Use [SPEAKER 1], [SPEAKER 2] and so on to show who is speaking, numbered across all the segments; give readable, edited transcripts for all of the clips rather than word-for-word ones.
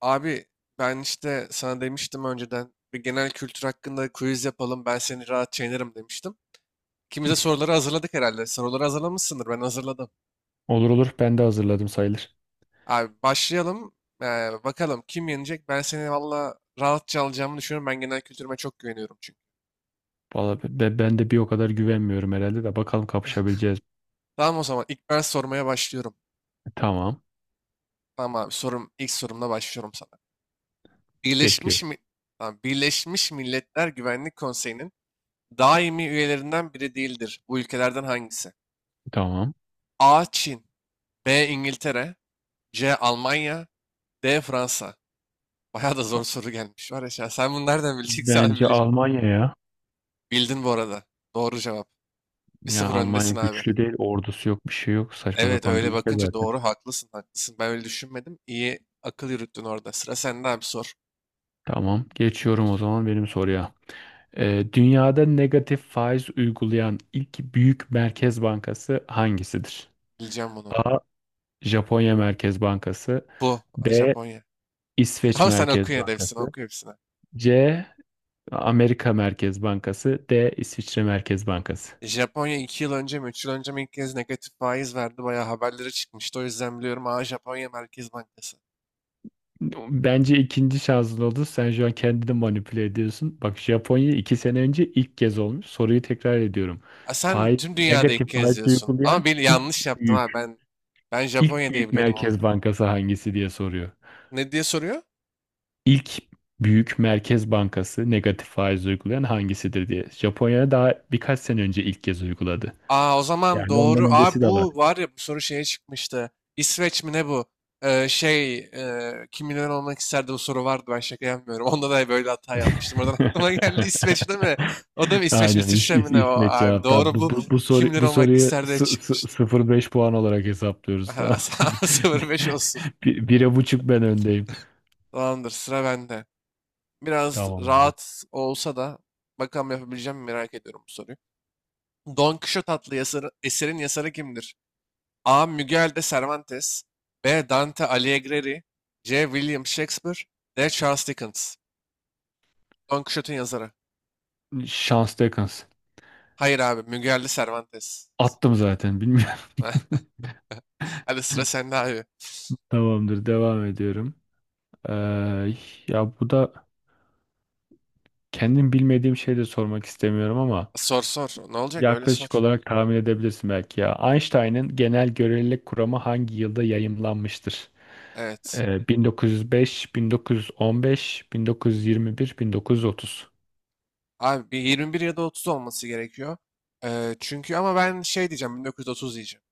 [SPEAKER 1] Abi ben işte sana demiştim önceden bir genel kültür hakkında quiz yapalım, ben seni rahat yenerim demiştim. İkimiz de soruları hazırladık herhalde. Soruları hazırlamışsındır, ben hazırladım.
[SPEAKER 2] Olur olur. Ben de hazırladım sayılır.
[SPEAKER 1] Abi başlayalım. Ee, Bakalım kim yenecek, ben seni valla rahatça alacağımı düşünüyorum. Ben genel kültürüme çok güveniyorum çünkü.
[SPEAKER 2] Valla ben de bir o kadar güvenmiyorum herhalde de bakalım kapışabileceğiz mi?
[SPEAKER 1] Tamam, o zaman ilk ben sormaya başlıyorum.
[SPEAKER 2] Tamam.
[SPEAKER 1] Tamam abi, sorum, ilk sorumla başlıyorum sana. Birleşmiş
[SPEAKER 2] Bekliyorum.
[SPEAKER 1] mi? Tamam, Birleşmiş Milletler Güvenlik Konseyi'nin daimi üyelerinden biri değildir. Bu ülkelerden hangisi?
[SPEAKER 2] Tamam.
[SPEAKER 1] A. Çin. B. İngiltere. C. Almanya. D. Fransa. Bayağı da zor
[SPEAKER 2] A-
[SPEAKER 1] soru gelmiş var ya şu an. Sen bunu nereden bileceksin abi?
[SPEAKER 2] Bence Almanya ya.
[SPEAKER 1] Bildin bu arada. Doğru cevap. Bir
[SPEAKER 2] Ya
[SPEAKER 1] sıfır
[SPEAKER 2] Almanya
[SPEAKER 1] öndesin abi.
[SPEAKER 2] güçlü değil. Ordusu yok. Bir şey yok. Saçma
[SPEAKER 1] Evet,
[SPEAKER 2] sapan bir
[SPEAKER 1] öyle
[SPEAKER 2] ülke
[SPEAKER 1] bakınca
[SPEAKER 2] zaten.
[SPEAKER 1] doğru, haklısın haklısın. Ben öyle düşünmedim. İyi akıl yürüttün orada. Sıra sende abi, sor.
[SPEAKER 2] Tamam. Geçiyorum o zaman benim soruya. Dünyada negatif faiz uygulayan ilk büyük merkez bankası hangisidir?
[SPEAKER 1] Bileceğim bunu.
[SPEAKER 2] A. Japonya Merkez Bankası.
[SPEAKER 1] Bu
[SPEAKER 2] B.
[SPEAKER 1] Japonya.
[SPEAKER 2] İsveç
[SPEAKER 1] Ama sen oku,
[SPEAKER 2] Merkez
[SPEAKER 1] yine de hepsini
[SPEAKER 2] Bankası.
[SPEAKER 1] oku hepsini.
[SPEAKER 2] C. Amerika Merkez Bankası. D. İsviçre Merkez Bankası.
[SPEAKER 1] Japonya 2 yıl önce mi 3 yıl önce mi ilk kez negatif faiz verdi. Bayağı haberlere çıkmıştı. O yüzden biliyorum. Aa, Japonya Merkez Bankası.
[SPEAKER 2] Bence ikinci şansın oldu. Sen şu an kendini manipüle ediyorsun. Bak Japonya 2 sene önce ilk kez olmuş. Soruyu tekrar ediyorum.
[SPEAKER 1] Ha, sen
[SPEAKER 2] Faiz,
[SPEAKER 1] tüm dünyada ilk
[SPEAKER 2] negatif
[SPEAKER 1] kez
[SPEAKER 2] faiz
[SPEAKER 1] diyorsun. Ama
[SPEAKER 2] uygulayan
[SPEAKER 1] bir yanlış
[SPEAKER 2] ilk
[SPEAKER 1] yaptım ha.
[SPEAKER 2] büyük,
[SPEAKER 1] Ben
[SPEAKER 2] ilk
[SPEAKER 1] Japonya diye
[SPEAKER 2] büyük
[SPEAKER 1] biliyordum onu
[SPEAKER 2] merkez
[SPEAKER 1] da.
[SPEAKER 2] bankası hangisi diye soruyor.
[SPEAKER 1] Ne diye soruyor?
[SPEAKER 2] İlk büyük merkez bankası negatif faiz uygulayan hangisidir diye. Japonya daha birkaç sene önce ilk kez uyguladı.
[SPEAKER 1] Aa, o zaman
[SPEAKER 2] Yani ondan
[SPEAKER 1] doğru.
[SPEAKER 2] öncesi
[SPEAKER 1] Aa,
[SPEAKER 2] de var.
[SPEAKER 1] bu var ya, bu soru şeye çıkmıştı. İsveç mi ne bu? Şey, kim milyoner olmak isterdi, bu soru vardı. Ben şaka yapmıyorum. Onda da böyle hata yapmıştım. Oradan aklıma geldi, İsveç değil mi? O da mı İsveç mi?
[SPEAKER 2] Aynen
[SPEAKER 1] İsviçre mi ne o
[SPEAKER 2] İsmet
[SPEAKER 1] abi?
[SPEAKER 2] cevap. Tamam,
[SPEAKER 1] Doğru
[SPEAKER 2] bu,
[SPEAKER 1] bu.
[SPEAKER 2] bu, bu,
[SPEAKER 1] Kim
[SPEAKER 2] soru,
[SPEAKER 1] milyoner
[SPEAKER 2] bu
[SPEAKER 1] olmak
[SPEAKER 2] soruyu
[SPEAKER 1] isterdi çıkmıştı.
[SPEAKER 2] 0,5 puan olarak hesaplıyoruz. Tamam.
[SPEAKER 1] 0-5 olsun.
[SPEAKER 2] Bir, bire buçuk ben öndeyim.
[SPEAKER 1] Tamamdır, sıra bende. Biraz
[SPEAKER 2] Tamamdır.
[SPEAKER 1] rahat olsa da bakalım yapabileceğim mi merak ediyorum bu soruyu. Don Quixote adlı yazarı, eserin yazarı kimdir? A. Miguel de Cervantes. B. Dante Alighieri. C. William Shakespeare. D. Charles Dickens. Don Quixote'un yazarı.
[SPEAKER 2] Şans Dekans.
[SPEAKER 1] Hayır abi, Miguel de Cervantes.
[SPEAKER 2] Attım zaten bilmiyorum.
[SPEAKER 1] Hadi sıra sende abi.
[SPEAKER 2] Tamamdır, devam ediyorum. Ee, ya bu da kendim bilmediğim şey de sormak istemiyorum ama
[SPEAKER 1] Sor sor. Ne olacak? Öyle
[SPEAKER 2] yaklaşık
[SPEAKER 1] sor.
[SPEAKER 2] olarak tahmin edebilirsin belki ya. Einstein'ın genel görelilik kuramı hangi yılda yayımlanmıştır?
[SPEAKER 1] Evet.
[SPEAKER 2] 1905, 1915, 1921, 1930.
[SPEAKER 1] Abi bir 21 ya da 30 olması gerekiyor. Çünkü, ama ben şey diyeceğim, 1930 diyeceğim.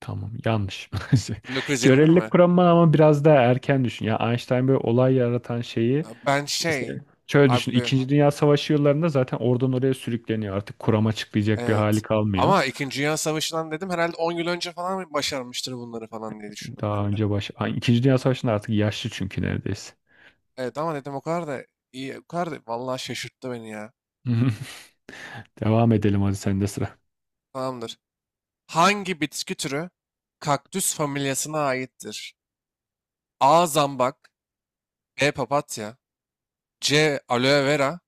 [SPEAKER 2] Tamam, yanlış.
[SPEAKER 1] 1921
[SPEAKER 2] Görelilik
[SPEAKER 1] mi?
[SPEAKER 2] kuramı ama biraz daha erken düşün. Ya Einstein böyle olay yaratan şeyi
[SPEAKER 1] Ya ben
[SPEAKER 2] işte
[SPEAKER 1] şey,
[SPEAKER 2] şöyle düşün.
[SPEAKER 1] abi,
[SPEAKER 2] İkinci Dünya Savaşı yıllarında zaten oradan oraya sürükleniyor. Artık kuram açıklayacak bir
[SPEAKER 1] evet,
[SPEAKER 2] hali kalmıyor.
[SPEAKER 1] ama İkinci Dünya Savaşı'ndan dedim herhalde 10 yıl önce falan başarmıştır bunları falan diye düşündüm ben
[SPEAKER 2] Daha
[SPEAKER 1] de.
[SPEAKER 2] önce Ay, İkinci Dünya Savaşı'nda artık yaşlı çünkü neredeyse.
[SPEAKER 1] Evet, ama dedim o kadar da iyi, o kadar da, vallahi şaşırttı beni ya.
[SPEAKER 2] Devam edelim, hadi sende sıra.
[SPEAKER 1] Tamamdır. Hangi bitki türü kaktüs familyasına aittir? A. Zambak. B. Papatya. C. Aloe vera.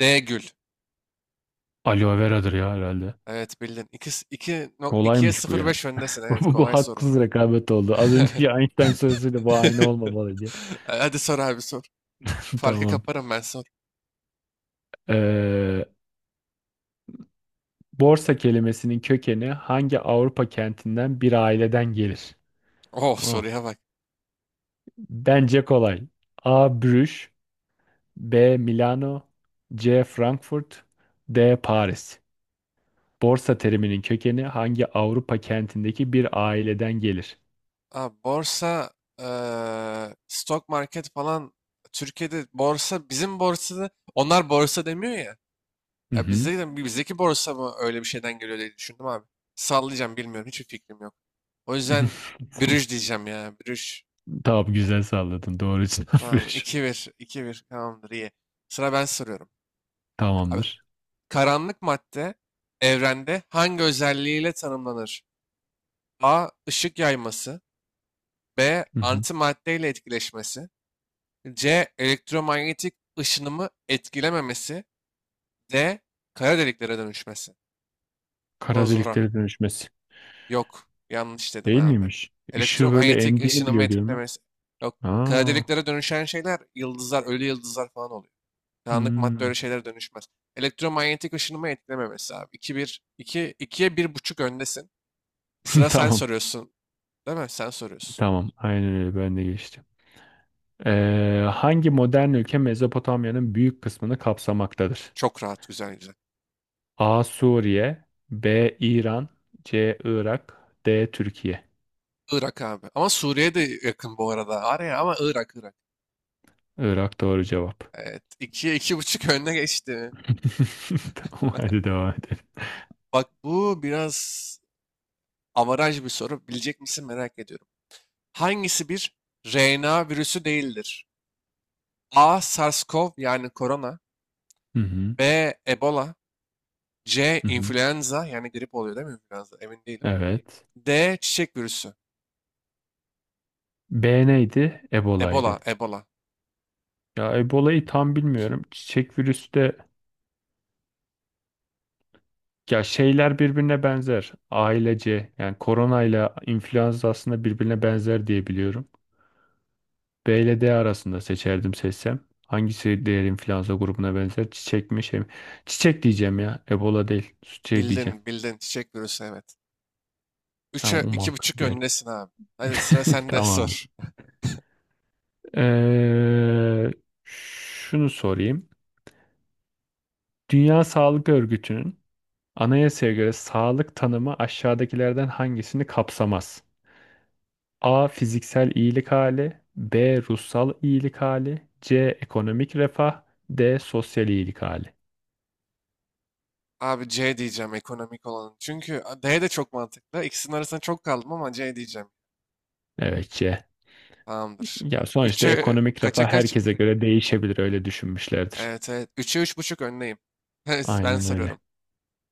[SPEAKER 1] D. Gül.
[SPEAKER 2] Aloe veradır ya herhalde.
[SPEAKER 1] Evet, bildin. 2, 2, 2'ye
[SPEAKER 2] Kolaymış bu ya.
[SPEAKER 1] 0,5 öndesin.
[SPEAKER 2] Bu,
[SPEAKER 1] Evet,
[SPEAKER 2] bu, bu
[SPEAKER 1] kolay soru.
[SPEAKER 2] haksız rekabet oldu. Az önceki Einstein sorusuyla bu aynı olmamalı diye.
[SPEAKER 1] Hadi sor abi sor. Farkı
[SPEAKER 2] Tamam.
[SPEAKER 1] kaparım, ben sor.
[SPEAKER 2] Ee, borsa kelimesinin kökeni hangi Avrupa kentinden bir aileden gelir?
[SPEAKER 1] Oh,
[SPEAKER 2] Oh.
[SPEAKER 1] soruya bak.
[SPEAKER 2] Bence kolay. A. Brüj. B. Milano. C. Frankfurt. D. Paris. Borsa teriminin kökeni hangi Avrupa kentindeki bir aileden gelir?
[SPEAKER 1] Abi, borsa, stock market falan, Türkiye'de borsa, bizim borsada onlar borsa demiyor ya.
[SPEAKER 2] Hı
[SPEAKER 1] Ya
[SPEAKER 2] hı.
[SPEAKER 1] bizde de, bizdeki borsa mı öyle bir şeyden geliyor diye düşündüm abi. Sallayacağım, bilmiyorum, hiçbir fikrim yok. O yüzden bürüş diyeceğim ya, bürüş.
[SPEAKER 2] Tamam, güzel salladın. Doğru cevap.
[SPEAKER 1] Tamam, iki bir, iki bir, tamamdır, iyi. Sıra ben soruyorum. Abi,
[SPEAKER 2] Tamamdır.
[SPEAKER 1] karanlık madde evrende hangi özelliğiyle tanımlanır? A. Işık yayması. B.
[SPEAKER 2] Hı hı.
[SPEAKER 1] Antimaddeyle etkileşmesi. C. Elektromanyetik ışınımı etkilememesi. D. Kara deliklere dönüşmesi. Bu da
[SPEAKER 2] Kara
[SPEAKER 1] zora.
[SPEAKER 2] deliklere dönüşmesi.
[SPEAKER 1] Yok. Yanlış dedin
[SPEAKER 2] Değil
[SPEAKER 1] abi.
[SPEAKER 2] miymiş? Işığı böyle
[SPEAKER 1] Elektromanyetik
[SPEAKER 2] emdiğini
[SPEAKER 1] ışınımı
[SPEAKER 2] biliyor değil mi?
[SPEAKER 1] etkilemesi. Yok. Kara
[SPEAKER 2] Aa.
[SPEAKER 1] deliklere dönüşen şeyler yıldızlar, ölü yıldızlar falan oluyor. Karanlık madde
[SPEAKER 2] Hmm.
[SPEAKER 1] öyle şeylere dönüşmez. Elektromanyetik ışınımı etkilememesi abi. İki bir, iki, ikiye bir buçuk öndesin. Sıra, sen
[SPEAKER 2] Tamam.
[SPEAKER 1] soruyorsun. Değil mi? Sen soruyorsun.
[SPEAKER 2] Tamam. Aynen öyle. Ben de geçtim. Hangi modern ülke Mezopotamya'nın büyük kısmını kapsamaktadır?
[SPEAKER 1] Çok rahat, güzel güzel.
[SPEAKER 2] A. Suriye. B. İran. C. Irak. D. Türkiye.
[SPEAKER 1] Irak abi. Ama Suriye de yakın bu arada. Araya, ama Irak, Irak.
[SPEAKER 2] Irak doğru cevap.
[SPEAKER 1] Evet. ikiye iki buçuk önüne geçti.
[SPEAKER 2] Tamam, hadi devam edelim.
[SPEAKER 1] Bak, bu biraz avaraj bir soru. Bilecek misin merak ediyorum. Hangisi bir RNA virüsü değildir? A. SARS-CoV, yani korona.
[SPEAKER 2] Hı hı.
[SPEAKER 1] B. Ebola. C.
[SPEAKER 2] Hı hı.
[SPEAKER 1] İnfluenza, yani grip oluyor değil mi influenza? Emin değilim.
[SPEAKER 2] Evet.
[SPEAKER 1] D. Çiçek virüsü.
[SPEAKER 2] B neydi?
[SPEAKER 1] Ebola,
[SPEAKER 2] Ebola'ydı.
[SPEAKER 1] Ebola.
[SPEAKER 2] Ya Ebola'yı tam bilmiyorum. Çiçek virüsü de, ya şeyler birbirine benzer. Ailece yani korona ile influenza aslında birbirine benzer diye biliyorum. B ile D arasında seçerdim seçsem. Hangisi diğer influenza grubuna benzer? Çiçek mi şey mi? Çiçek diyeceğim ya. Ebola değil. Şey diyeceğim.
[SPEAKER 1] Bildin, bildin. Çiçek virüsü, evet.
[SPEAKER 2] Ha,
[SPEAKER 1] 3'e
[SPEAKER 2] umarım
[SPEAKER 1] buçuk
[SPEAKER 2] geldi.
[SPEAKER 1] öndesin abi. Hadi sıra sende
[SPEAKER 2] Tamamdır.
[SPEAKER 1] sor.
[SPEAKER 2] Ee, şunu sorayım. Dünya Sağlık Örgütü'nün anayasaya göre sağlık tanımı aşağıdakilerden hangisini kapsamaz? A. Fiziksel iyilik hali. B. Ruhsal iyilik hali. C. Ekonomik refah. D. Sosyal iyilik hali.
[SPEAKER 1] Abi C diyeceğim, ekonomik olanın. Çünkü D de çok mantıklı. İkisinin arasında çok kaldım ama C diyeceğim.
[SPEAKER 2] Evet, C.
[SPEAKER 1] Tamamdır.
[SPEAKER 2] Ya sonuçta
[SPEAKER 1] Üç'e,
[SPEAKER 2] ekonomik
[SPEAKER 1] kaça
[SPEAKER 2] refah
[SPEAKER 1] kaç?
[SPEAKER 2] herkese göre değişebilir, öyle düşünmüşlerdir.
[SPEAKER 1] Evet evet. Üçe üç buçuk önleyim. Ben
[SPEAKER 2] Aynen öyle.
[SPEAKER 1] sarıyorum.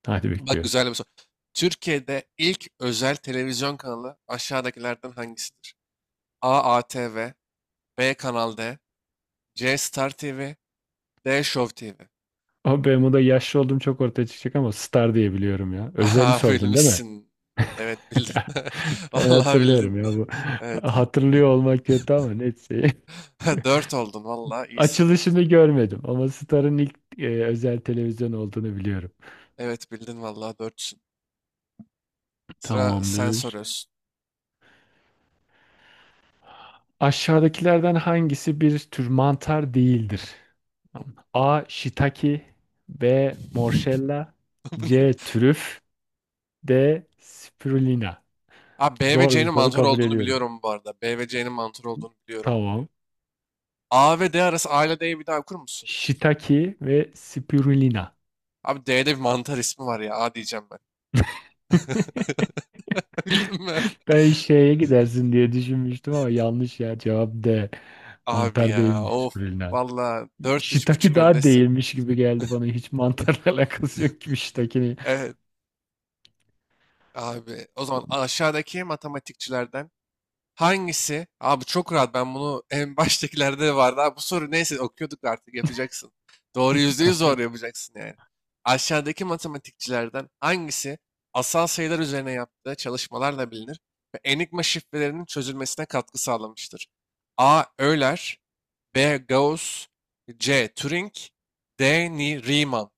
[SPEAKER 2] Hadi
[SPEAKER 1] Bak,
[SPEAKER 2] bekliyorum.
[SPEAKER 1] güzel bir soru. Türkiye'de ilk özel televizyon kanalı aşağıdakilerden hangisidir? A. ATV. B. Kanal D. C. Star TV. D. Show TV.
[SPEAKER 2] O Bermuda yaşlı olduğum çok ortaya çıkacak ama Star diye biliyorum ya. Özel
[SPEAKER 1] Aha,
[SPEAKER 2] sordun değil mi?
[SPEAKER 1] bilmişsin. Evet, bildin.
[SPEAKER 2] Ben
[SPEAKER 1] Vallahi
[SPEAKER 2] hatırlıyorum
[SPEAKER 1] bildin.
[SPEAKER 2] ya bu.
[SPEAKER 1] Evet.
[SPEAKER 2] Hatırlıyor olmak kötü ama neyse.
[SPEAKER 1] Dört oldun, vallahi iyisin.
[SPEAKER 2] Açılışını görmedim ama Star'ın ilk özel televizyon olduğunu biliyorum.
[SPEAKER 1] Evet bildin, vallahi 400. Sıra sen
[SPEAKER 2] Tamamdır.
[SPEAKER 1] soruyorsun.
[SPEAKER 2] Aşağıdakilerden hangisi bir tür mantar değildir?
[SPEAKER 1] Hı.
[SPEAKER 2] A. Shiitake. B. Morşella.
[SPEAKER 1] Bu ne?
[SPEAKER 2] C. Trüf. D. Spirulina.
[SPEAKER 1] Abi B ve
[SPEAKER 2] Zor bir
[SPEAKER 1] C'nin
[SPEAKER 2] soru,
[SPEAKER 1] mantar
[SPEAKER 2] kabul
[SPEAKER 1] olduğunu
[SPEAKER 2] ediyorum.
[SPEAKER 1] biliyorum bu arada. B ve C'nin mantar olduğunu biliyorum.
[SPEAKER 2] Tamam.
[SPEAKER 1] A ve D arası, A ile D'yi bir daha okur musun?
[SPEAKER 2] Shiitake ve Spirulina.
[SPEAKER 1] Abi D'de bir mantar ismi var ya. A diyeceğim ben. Bildin mi?
[SPEAKER 2] Ben şeye gidersin diye düşünmüştüm ama yanlış ya. Cevap D.
[SPEAKER 1] Abi
[SPEAKER 2] Mantar
[SPEAKER 1] ya,
[SPEAKER 2] değilmiş
[SPEAKER 1] of.
[SPEAKER 2] Spirulina.
[SPEAKER 1] Valla dört üç
[SPEAKER 2] Shiitake
[SPEAKER 1] buçuk
[SPEAKER 2] daha
[SPEAKER 1] öndesin.
[SPEAKER 2] değilmiş gibi geldi bana. Hiç mantarla alakası yok gibi Shiitake'nin.
[SPEAKER 1] Evet abi. O zaman aşağıdaki matematikçilerden hangisi? Abi çok rahat, ben bunu en baştakilerde de vardı. Abi bu soru neyse, okuyorduk artık yapacaksın. Doğru, %100
[SPEAKER 2] Tamam.
[SPEAKER 1] doğru yapacaksın yani. Aşağıdaki matematikçilerden hangisi asal sayılar üzerine yaptığı çalışmalarla bilinir ve enigma şifrelerinin çözülmesine katkı sağlamıştır? A. Euler. B. Gauss. C. Turing. D. Riemann.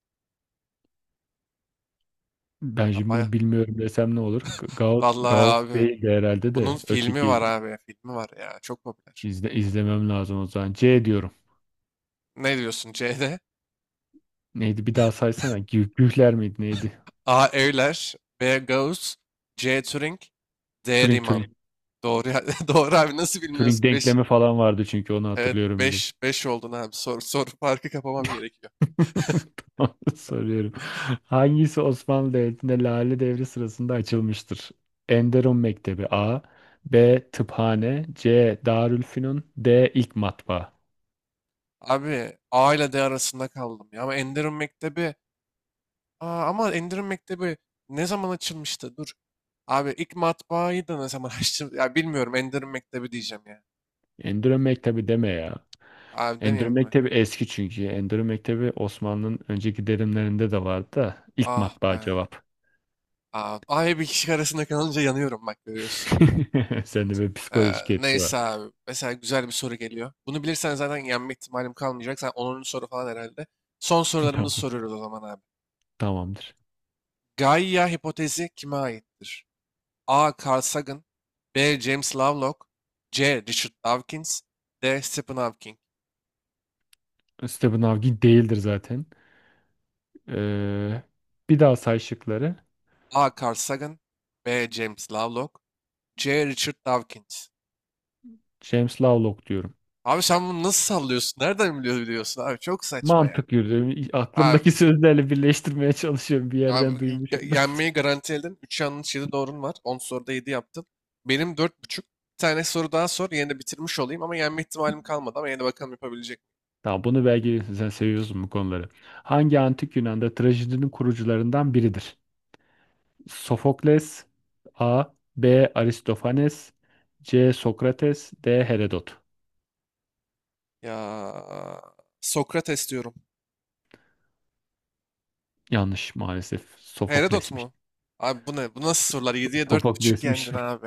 [SPEAKER 2] Ben
[SPEAKER 1] Ha,
[SPEAKER 2] şimdi bunu bilmiyorum desem ne olur? Gauss,
[SPEAKER 1] vallahi
[SPEAKER 2] Gauss
[SPEAKER 1] abi,
[SPEAKER 2] değil de herhalde
[SPEAKER 1] bunun
[SPEAKER 2] de
[SPEAKER 1] filmi
[SPEAKER 2] öteki.
[SPEAKER 1] var abi. Filmi var ya. Çok popüler.
[SPEAKER 2] İzlemem lazım o zaman. C diyorum.
[SPEAKER 1] Ne diyorsun C'de?
[SPEAKER 2] Neydi? Bir daha saysana. Gühler miydi? Neydi?
[SPEAKER 1] A. Euler. B. Gauss. C. Turing. D.
[SPEAKER 2] Turing,
[SPEAKER 1] Riemann.
[SPEAKER 2] Turing.
[SPEAKER 1] Doğru abi, nasıl
[SPEAKER 2] Turing
[SPEAKER 1] bilmiyorsun? Beş,
[SPEAKER 2] denklemi falan vardı çünkü, onu
[SPEAKER 1] evet
[SPEAKER 2] hatırlıyorum bile.
[SPEAKER 1] beş, 5 oldun abi. Soru farkı kapamam gerekiyor.
[SPEAKER 2] Tamam, soruyorum. Hangisi Osmanlı Devleti'nde Lale Devri sırasında açılmıştır? Enderun Mektebi A, B. Tıphane, C. Darülfünun, D. İlk Matbaa.
[SPEAKER 1] Abi A ile D arasında kaldım ya, ama Enderun Mektebi. Aa, ama Enderun Mektebi ne zaman açılmıştı? Dur. Abi ilk matbaayı da ne zaman açtım? Ya bilmiyorum, Enderun Mektebi diyeceğim ya.
[SPEAKER 2] Enderun Mektebi deme ya.
[SPEAKER 1] Abi
[SPEAKER 2] Endülü
[SPEAKER 1] demeyeyim mi?
[SPEAKER 2] Mektebi eski çünkü. Endülü Mektebi Osmanlı'nın önceki dönemlerinde de vardı da ilk
[SPEAKER 1] Ah be.
[SPEAKER 2] matbaa cevap.
[SPEAKER 1] Abi, abi bir kişi arasında kalınca yanıyorum bak görüyorsun.
[SPEAKER 2] Sende böyle
[SPEAKER 1] Ee,
[SPEAKER 2] psikolojik etki var.
[SPEAKER 1] Neyse abi. Mesela güzel bir soru geliyor. Bunu bilirsen zaten yenme ihtimalim kalmayacak. Sen 10. soru falan herhalde. Son sorularımızı
[SPEAKER 2] Tamam.
[SPEAKER 1] soruyoruz o zaman abi.
[SPEAKER 2] Tamamdır.
[SPEAKER 1] Gaia hipotezi kime aittir? A. Carl Sagan. B. James Lovelock. C. Richard Dawkins. D. Stephen Hawking.
[SPEAKER 2] Stephen Hawking değildir zaten. Ee, bir daha say şıkları.
[SPEAKER 1] A. Carl Sagan. B. James Lovelock. C. Richard Dawkins.
[SPEAKER 2] James Lovelock diyorum.
[SPEAKER 1] Abi sen bunu nasıl sallıyorsun? Nereden biliyorsun abi? Çok saçma ya.
[SPEAKER 2] Mantık yürüdüm.
[SPEAKER 1] Abi
[SPEAKER 2] Aklımdaki sözlerle birleştirmeye çalışıyorum. Bir yerden
[SPEAKER 1] Abi,
[SPEAKER 2] duymuşum.
[SPEAKER 1] yenmeyi garanti edin. 3 yanlış 7 doğrun var. 10 soruda 7 yaptın. Benim 4,5. Bir tane soru daha sor. Yine de bitirmiş olayım, ama yenme ihtimalim kalmadı, ama yine de bakalım yapabilecek miyim?
[SPEAKER 2] Tamam, bunu belki sen seviyorsun bu konuları. Hangi antik Yunan'da trajedinin kurucularından biridir? Sofokles A. B. Aristofanes. C. Sokrates. D. Herodot.
[SPEAKER 1] Ya Sokrates diyorum.
[SPEAKER 2] Yanlış maalesef.
[SPEAKER 1] Herodot
[SPEAKER 2] Sofokles'miş.
[SPEAKER 1] mu? Abi bu ne? Bu nasıl sorular? Yediye dört buçuk yendin
[SPEAKER 2] Sofokles'miş.
[SPEAKER 1] abi.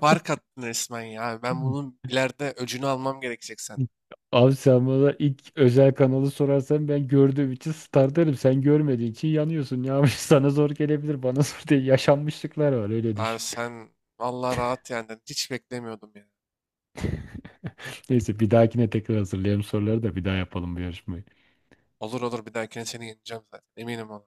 [SPEAKER 1] Fark attın resmen ya. Abi ben bunun ileride öcünü almam gerekecek sen.
[SPEAKER 2] Abi, sen bana ilk özel kanalı sorarsan ben gördüğüm için Star derim. Sen görmediğin için yanıyorsun. Ya sana zor gelebilir. Bana zor değil. Yaşanmışlıklar var, öyle
[SPEAKER 1] Abi
[SPEAKER 2] düşün.
[SPEAKER 1] sen vallahi rahat yendin. Hiç beklemiyordum ya.
[SPEAKER 2] Neyse, bir dahakine tekrar hazırlayalım soruları da bir daha yapalım bu yarışmayı.
[SPEAKER 1] Olur olur, bir dahakine seni yeneceğim zaten. Eminim ona.